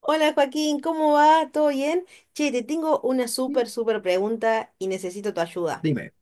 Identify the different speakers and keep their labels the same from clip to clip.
Speaker 1: Hola Joaquín, ¿cómo va? ¿Todo bien? Che, te tengo una súper pregunta y necesito tu ayuda.
Speaker 2: Dime,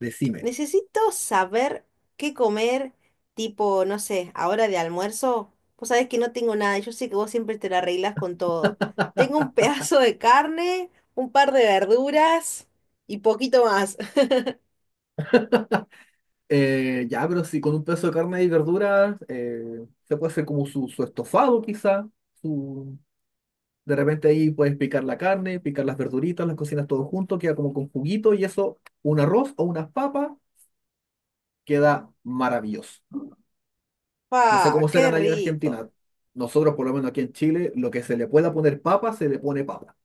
Speaker 2: decime.
Speaker 1: Necesito saber qué comer, tipo, no sé, ahora de almuerzo. Vos sabés que no tengo nada, yo sé que vos siempre te la arreglas con todo. Tengo un pedazo de carne, un par de verduras y poquito más.
Speaker 2: Ya, pero si con un pedazo de carne y verduras, se puede hacer como su estofado quizá. su- de repente ahí puedes picar la carne, picar las verduritas, las cocinas todo junto, queda como con juguito y eso, un arroz o unas papas, queda maravilloso. No sé
Speaker 1: Pa,
Speaker 2: cómo
Speaker 1: ¡qué
Speaker 2: serán allá en
Speaker 1: rico!
Speaker 2: Argentina. Nosotros, por lo menos aquí en Chile, lo que se le pueda poner papa, se le pone papa.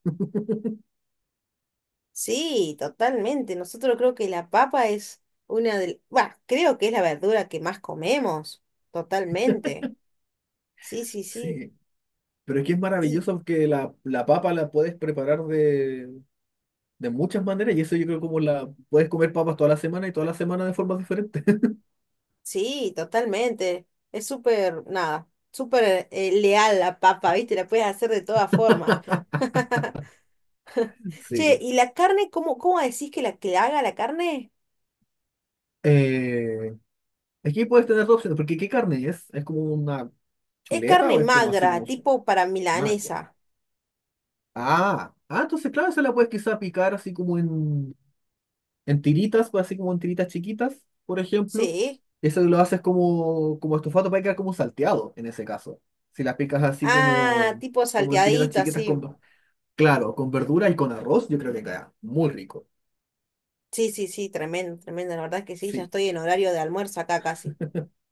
Speaker 1: Sí, totalmente. Nosotros creo que la papa es una de... Bueno, creo que es la verdura que más comemos. Totalmente. Sí, sí, sí.
Speaker 2: Sí, pero es que es
Speaker 1: Y
Speaker 2: maravilloso que la papa la puedes preparar de muchas maneras y eso yo creo como la puedes comer papas toda la semana y toda la semana de formas diferentes.
Speaker 1: sí, totalmente. Es súper, nada, súper leal la papa, ¿viste? La puedes hacer de todas formas. Che,
Speaker 2: Sí.
Speaker 1: ¿y la carne, cómo decís que la haga la carne?
Speaker 2: Eh, Aquí puedes tener dos opciones, porque ¿qué carne es? ¿Es como una
Speaker 1: Es
Speaker 2: chuleta
Speaker 1: carne
Speaker 2: o es como así
Speaker 1: magra,
Speaker 2: como su
Speaker 1: tipo para
Speaker 2: magua?
Speaker 1: milanesa.
Speaker 2: Ah, ah, entonces claro, se la puedes quizá picar así como en tiritas, pues, así como en tiritas chiquitas, por ejemplo.
Speaker 1: Sí.
Speaker 2: Eso lo haces como estofado para quedar como salteado en ese caso. Si la picas así
Speaker 1: Ah,
Speaker 2: como,
Speaker 1: tipo
Speaker 2: como en tiritas
Speaker 1: salteadito,
Speaker 2: chiquitas
Speaker 1: así.
Speaker 2: con, claro, con verdura y con arroz, yo creo que queda muy rico.
Speaker 1: Sí, sí, sí, tremendo, tremendo. La verdad es que sí, ya
Speaker 2: Sí.
Speaker 1: estoy en horario de almuerzo acá casi.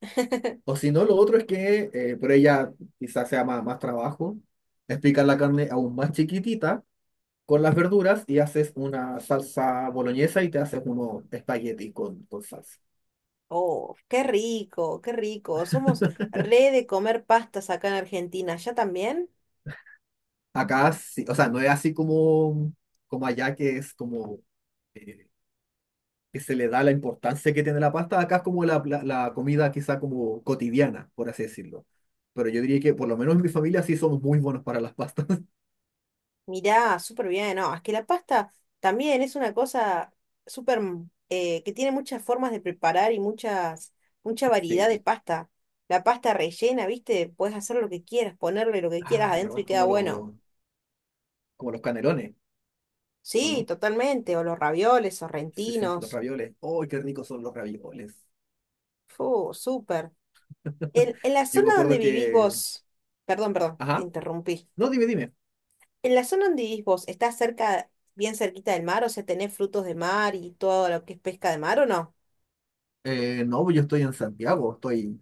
Speaker 2: O si no, lo otro es que, por ella quizás sea más trabajo, explicar la carne aún más chiquitita con las verduras y haces una salsa boloñesa y te haces unos espaguetis con salsa.
Speaker 1: Oh, qué rico, qué rico. Somos re de comer pastas acá en Argentina. ¿Ya también?
Speaker 2: Acá, sí, o sea, no es así como, como allá que es como eh, que se le da la importancia que tiene la pasta, acá es como la comida quizá como cotidiana, por así decirlo. Pero yo diría que por lo menos en mi familia sí somos muy buenos para las pastas.
Speaker 1: Mirá, súper bien, no, es que la pasta también es una cosa súper que tiene muchas formas de preparar y muchas, mucha variedad de
Speaker 2: Sí.
Speaker 1: pasta. La pasta rellena, ¿viste? Puedes hacer lo que quieras, ponerle lo que quieras
Speaker 2: Ah,
Speaker 1: adentro y
Speaker 2: ¿verdad?
Speaker 1: queda
Speaker 2: Como,
Speaker 1: bueno.
Speaker 2: los como los canelones, ¿o
Speaker 1: Sí,
Speaker 2: no?
Speaker 1: totalmente, o los ravioles,
Speaker 2: Sí, sí, los
Speaker 1: sorrentinos.
Speaker 2: ravioles. ¡Oh, qué ricos son los ravioles!
Speaker 1: Fu, súper. En la
Speaker 2: Yo me
Speaker 1: zona donde
Speaker 2: acuerdo
Speaker 1: vivís
Speaker 2: que.
Speaker 1: vos, perdón, perdón, te
Speaker 2: Ajá.
Speaker 1: interrumpí.
Speaker 2: No, dime, dime.
Speaker 1: En la zona donde vivís vos, ¿estás cerca, bien cerquita del mar? O sea, ¿tenés frutos de mar y todo lo que es pesca de mar o no?
Speaker 2: No, yo estoy en Santiago, estoy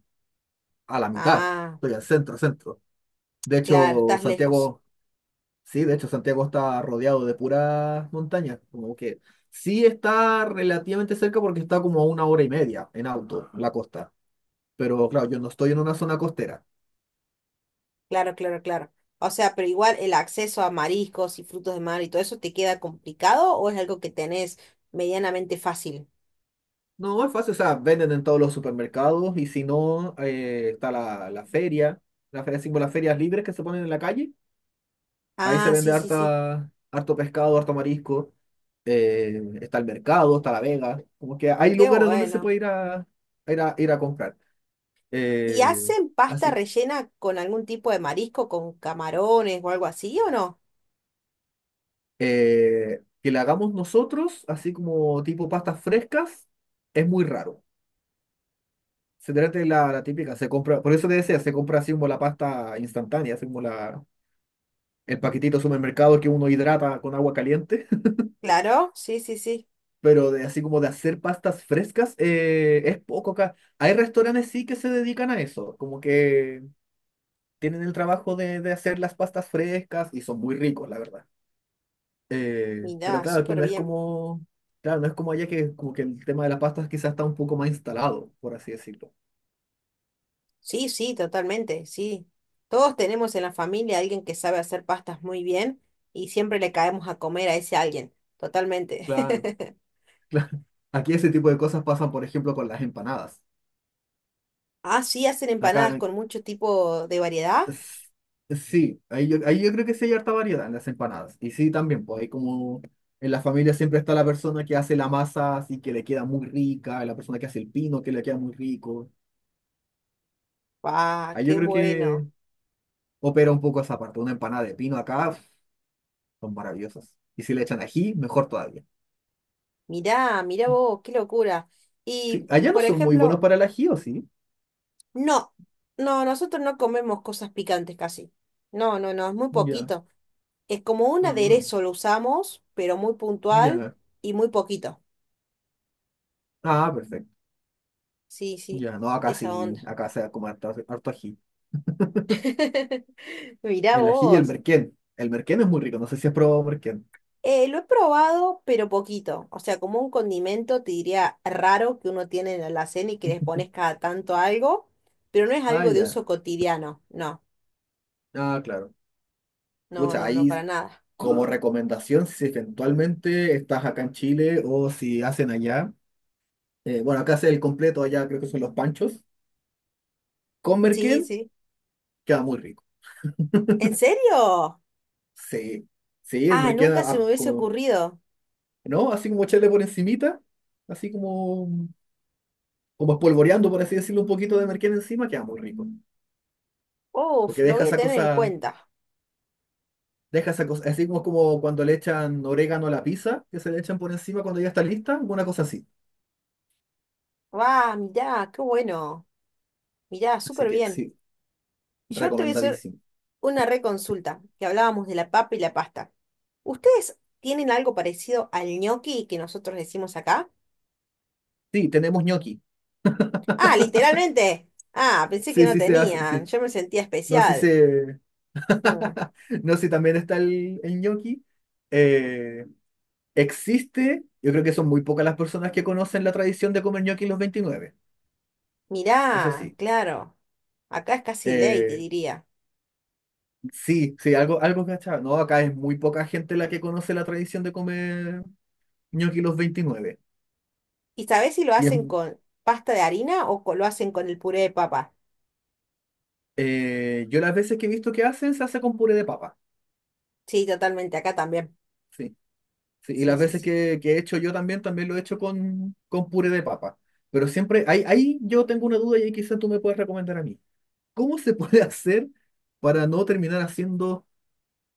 Speaker 2: a la mitad,
Speaker 1: Ah.
Speaker 2: estoy al centro, centro. De
Speaker 1: Claro,
Speaker 2: hecho,
Speaker 1: estás lejos.
Speaker 2: Santiago, sí, de hecho, Santiago está rodeado de puras montañas, como que sí está relativamente cerca porque está como a una hora y media en auto, la costa. Pero claro, yo no estoy en una zona costera.
Speaker 1: Claro, claro, claro. O sea, pero igual el acceso a mariscos y frutos de mar y todo eso te queda complicado o es algo que tenés medianamente fácil.
Speaker 2: No, es fácil, o sea, venden en todos los supermercados y si no, está la feria, así como las ferias libres que se ponen en la calle, ahí se
Speaker 1: Ah,
Speaker 2: vende
Speaker 1: sí, sí, sí.
Speaker 2: harta, harto pescado, harto marisco, está el mercado, está la vega, como que hay
Speaker 1: Qué
Speaker 2: lugares donde se
Speaker 1: bueno.
Speaker 2: puede ir a comprar.
Speaker 1: ¿Y
Speaker 2: Eh,
Speaker 1: hacen pasta
Speaker 2: Así que,
Speaker 1: rellena con algún tipo de marisco, con camarones o algo así o no?
Speaker 2: que la hagamos nosotros, así como tipo pastas frescas, es muy raro. Se trata de la típica, se compra, por eso te decía, se compra así como la pasta instantánea, así como la el paquetito de supermercado que uno hidrata con agua caliente,
Speaker 1: Claro, sí, sí, sí.
Speaker 2: pero de, así como de hacer pastas frescas, es poco acá. Hay restaurantes sí que se dedican a eso, como que tienen el trabajo de hacer las pastas frescas y son muy ricos, la verdad. Pero
Speaker 1: Mirá,
Speaker 2: claro, aquí
Speaker 1: súper
Speaker 2: no es
Speaker 1: bien.
Speaker 2: como, claro, no es como allá que como que el tema de las pastas quizás está un poco más instalado, por así decirlo.
Speaker 1: Sí, sí, totalmente, sí. Todos tenemos en la familia a alguien que sabe hacer pastas muy bien y siempre le caemos a comer a ese alguien. Totalmente.
Speaker 2: Claro. Aquí ese tipo de cosas pasan, por ejemplo, con las empanadas.
Speaker 1: Ah, sí, hacen empanadas
Speaker 2: Acá
Speaker 1: con mucho tipo de variedad.
Speaker 2: s- sí, ahí yo creo que sí hay harta variedad en las empanadas. Y sí, también, pues hay como en la familia siempre está la persona que hace la masa, así que le queda muy rica, la persona que hace el pino, que le queda muy rico.
Speaker 1: ¡Ah,
Speaker 2: Ahí
Speaker 1: qué
Speaker 2: yo creo que
Speaker 1: bueno!
Speaker 2: opera un poco esa parte. Una empanada de pino acá uf, son maravillosas. Y si le echan ají, mejor todavía.
Speaker 1: Mirá, mirá vos, qué locura.
Speaker 2: Sí,
Speaker 1: Y,
Speaker 2: allá no
Speaker 1: por
Speaker 2: son muy buenos
Speaker 1: ejemplo,
Speaker 2: para el ají, ¿o sí?
Speaker 1: no, no, nosotros no comemos cosas picantes casi. No, no, no, es muy
Speaker 2: Ya,
Speaker 1: poquito. Es como un
Speaker 2: ah,
Speaker 1: aderezo lo usamos, pero muy puntual
Speaker 2: ya.
Speaker 1: y muy poquito.
Speaker 2: Ah, perfecto.
Speaker 1: Sí, sí,
Speaker 2: Ya, no, acá
Speaker 1: esa
Speaker 2: sí,
Speaker 1: onda.
Speaker 2: acá se da como harto, harto ají.
Speaker 1: Mirá
Speaker 2: El ají y el
Speaker 1: vos.
Speaker 2: merquén. El merquén es muy rico, no sé si has probado merquén.
Speaker 1: Lo he probado, pero poquito. O sea, como un condimento, te diría raro que uno tiene en la cena y que les pones cada tanto algo, pero no es
Speaker 2: Ah,
Speaker 1: algo de
Speaker 2: ya.
Speaker 1: uso cotidiano. No,
Speaker 2: Ah, claro.
Speaker 1: no,
Speaker 2: Pucha,
Speaker 1: no, no, para
Speaker 2: ahí
Speaker 1: nada.
Speaker 2: como recomendación, si eventualmente estás acá en Chile o si hacen allá, bueno, acá hace el completo, allá creo que son los panchos, con merquén
Speaker 1: Sí, sí.
Speaker 2: queda muy rico.
Speaker 1: ¿En serio?
Speaker 2: Sí, sí, el
Speaker 1: Ah,
Speaker 2: merquén,
Speaker 1: nunca se me hubiese
Speaker 2: como,
Speaker 1: ocurrido.
Speaker 2: ¿no? Así como echarle por encimita, así como espolvoreando, por así decirlo, un poquito de merquén encima, queda muy rico.
Speaker 1: Uf,
Speaker 2: Porque
Speaker 1: lo
Speaker 2: deja
Speaker 1: voy a
Speaker 2: esa
Speaker 1: tener en
Speaker 2: cosa,
Speaker 1: cuenta.
Speaker 2: deja esa cosa, así como cuando le echan orégano a la pizza, que se le echan por encima cuando ya está lista, una cosa así.
Speaker 1: Va, mirá, qué bueno. Mirá,
Speaker 2: Así
Speaker 1: súper
Speaker 2: que
Speaker 1: bien.
Speaker 2: sí.
Speaker 1: Yo te voy a hacer
Speaker 2: Recomendadísimo.
Speaker 1: una reconsulta, que hablábamos de la papa y la pasta. ¿Ustedes tienen algo parecido al ñoqui que nosotros decimos acá?
Speaker 2: Sí, tenemos gnocchi.
Speaker 1: Ah, literalmente. Ah, pensé que
Speaker 2: Sí,
Speaker 1: no
Speaker 2: sí se hace,
Speaker 1: tenían.
Speaker 2: sí.
Speaker 1: Yo me sentía
Speaker 2: No, sí
Speaker 1: especial.
Speaker 2: se.
Speaker 1: Mm.
Speaker 2: No, sí también está el gnocchi. Eh, Existe, yo creo que son muy pocas las personas que conocen la tradición de comer gnocchi los 29. Eso
Speaker 1: Mirá,
Speaker 2: sí.
Speaker 1: claro. Acá es casi ley, te
Speaker 2: Eh,
Speaker 1: diría.
Speaker 2: sí, sí, algo, algo cachado. No, acá es muy poca gente la que conoce la tradición de comer gnocchi los 29.
Speaker 1: ¿Y sabés si lo
Speaker 2: Y es,
Speaker 1: hacen con pasta de harina o lo hacen con el puré de papa?
Speaker 2: yo las veces que he visto que hacen, se hace con puré de papa.
Speaker 1: Sí, totalmente, acá también.
Speaker 2: Sí. Sí, y
Speaker 1: Sí,
Speaker 2: las
Speaker 1: sí,
Speaker 2: veces
Speaker 1: sí.
Speaker 2: que he hecho yo también, también lo he hecho con puré de papa. Pero siempre, ahí yo tengo una duda y ahí quizás tú me puedas recomendar a mí. ¿Cómo se puede hacer para no terminar haciendo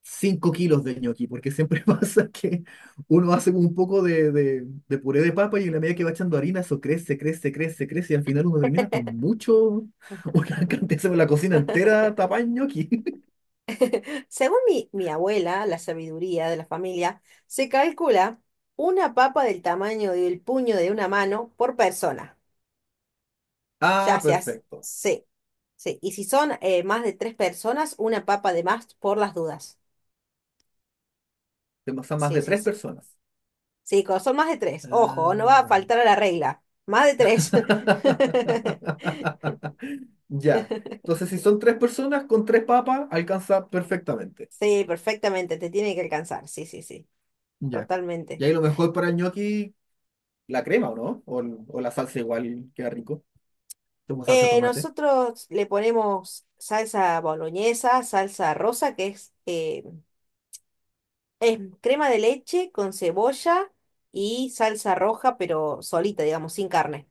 Speaker 2: 5 kilos de ñoqui? Porque siempre pasa que uno hace un poco de puré de papa y en la medida que va echando harina, eso crece, crece, crece, crece y al final uno termina con mucho, una cantidad, se ve la cocina entera tapada en ñoqui.
Speaker 1: Según mi abuela, la sabiduría de la familia, se calcula una papa del tamaño del puño de una mano por persona. Ya
Speaker 2: Ah,
Speaker 1: se hace.
Speaker 2: perfecto.
Speaker 1: Sí, sí. Y si son más de tres personas, una papa de más por las dudas.
Speaker 2: Son más
Speaker 1: Sí,
Speaker 2: de
Speaker 1: sí,
Speaker 2: tres
Speaker 1: sí.
Speaker 2: personas.
Speaker 1: Sí, cuando son más de tres. Ojo, no va a
Speaker 2: Ah.
Speaker 1: faltar a la regla. Más de tres.
Speaker 2: Ya. Entonces, si son tres personas con tres papas, alcanza perfectamente.
Speaker 1: Sí, perfectamente. Te tiene que alcanzar. Sí, sí, sí.
Speaker 2: Ya. Y
Speaker 1: Totalmente.
Speaker 2: ahí lo mejor para el ñoqui, la crema, ¿o no? O, o la salsa igual queda rico. Como salsa de tomate.
Speaker 1: Nosotros le ponemos salsa boloñesa, salsa rosa, que es crema de leche con cebolla y salsa roja, pero solita, digamos, sin carne.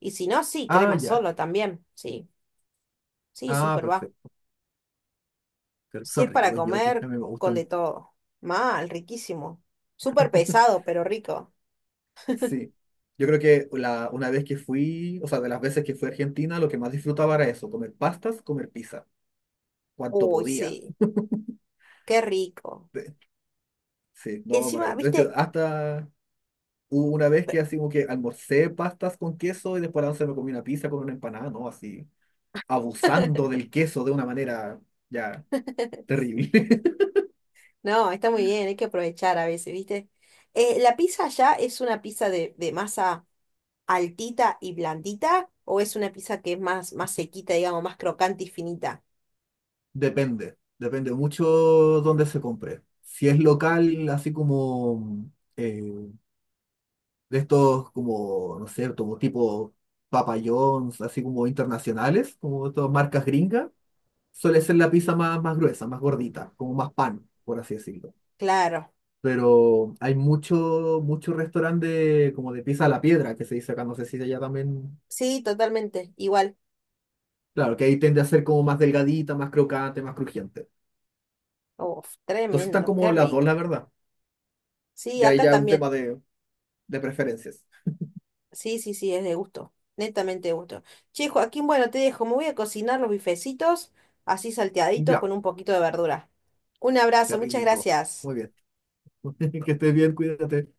Speaker 1: Y si no, sí,
Speaker 2: Ah,
Speaker 1: crema
Speaker 2: ya.
Speaker 1: solo también. Sí, sí,
Speaker 2: Ah,
Speaker 1: súper va.
Speaker 2: perfecto. Pero
Speaker 1: Si
Speaker 2: son
Speaker 1: es
Speaker 2: ricos
Speaker 1: para
Speaker 2: los ñoquis,
Speaker 1: comer,
Speaker 2: a mí me
Speaker 1: con de
Speaker 2: gustan.
Speaker 1: todo. Mal, riquísimo. Súper pesado, pero rico.
Speaker 2: Sí. Yo creo que una vez que fui, o sea, de las veces que fui a Argentina, lo que más disfrutaba era eso, comer pastas, comer pizza, cuanto
Speaker 1: Uy,
Speaker 2: podía.
Speaker 1: sí, qué rico.
Speaker 2: Sí, no,
Speaker 1: Encima,
Speaker 2: maravilloso. De hecho,
Speaker 1: viste,
Speaker 2: hasta hubo una vez que así como que almorcé pastas con queso y después a la once me comí una pizza con una empanada, ¿no? Así, abusando del queso de una manera ya terrible.
Speaker 1: no, está muy bien, hay que aprovechar a veces, ¿viste? ¿La pizza allá es una pizza de masa altita y blandita o es una pizza que es más, más sequita, digamos, más crocante y finita?
Speaker 2: Depende, depende mucho dónde se compre. Si es local, así como eh, de estos como, no sé, como tipo Papa John's, así como internacionales, como estas marcas gringas, suele ser la pizza más gruesa, más gordita, como más pan, por así decirlo.
Speaker 1: Claro,
Speaker 2: Pero hay mucho, mucho restaurante como de pizza a la piedra que se dice acá, no sé si allá también.
Speaker 1: sí, totalmente, igual.
Speaker 2: Claro, que ahí tiende a ser como más delgadita, más crocante, más crujiente.
Speaker 1: Uf,
Speaker 2: Entonces están
Speaker 1: tremendo, qué
Speaker 2: como las dos, la
Speaker 1: rico.
Speaker 2: verdad.
Speaker 1: Sí,
Speaker 2: Ya ahí
Speaker 1: acá
Speaker 2: ya es un
Speaker 1: también.
Speaker 2: tema de preferencias.
Speaker 1: Sí, sí, sí, es de gusto, netamente de gusto. Che, Joaquín, bueno, te dejo, me voy a cocinar los bifecitos, así salteaditos
Speaker 2: Ya,
Speaker 1: con un poquito de verdura. Un
Speaker 2: qué
Speaker 1: abrazo, muchas
Speaker 2: rico.
Speaker 1: gracias.
Speaker 2: Muy bien. Que estés bien, cuídate.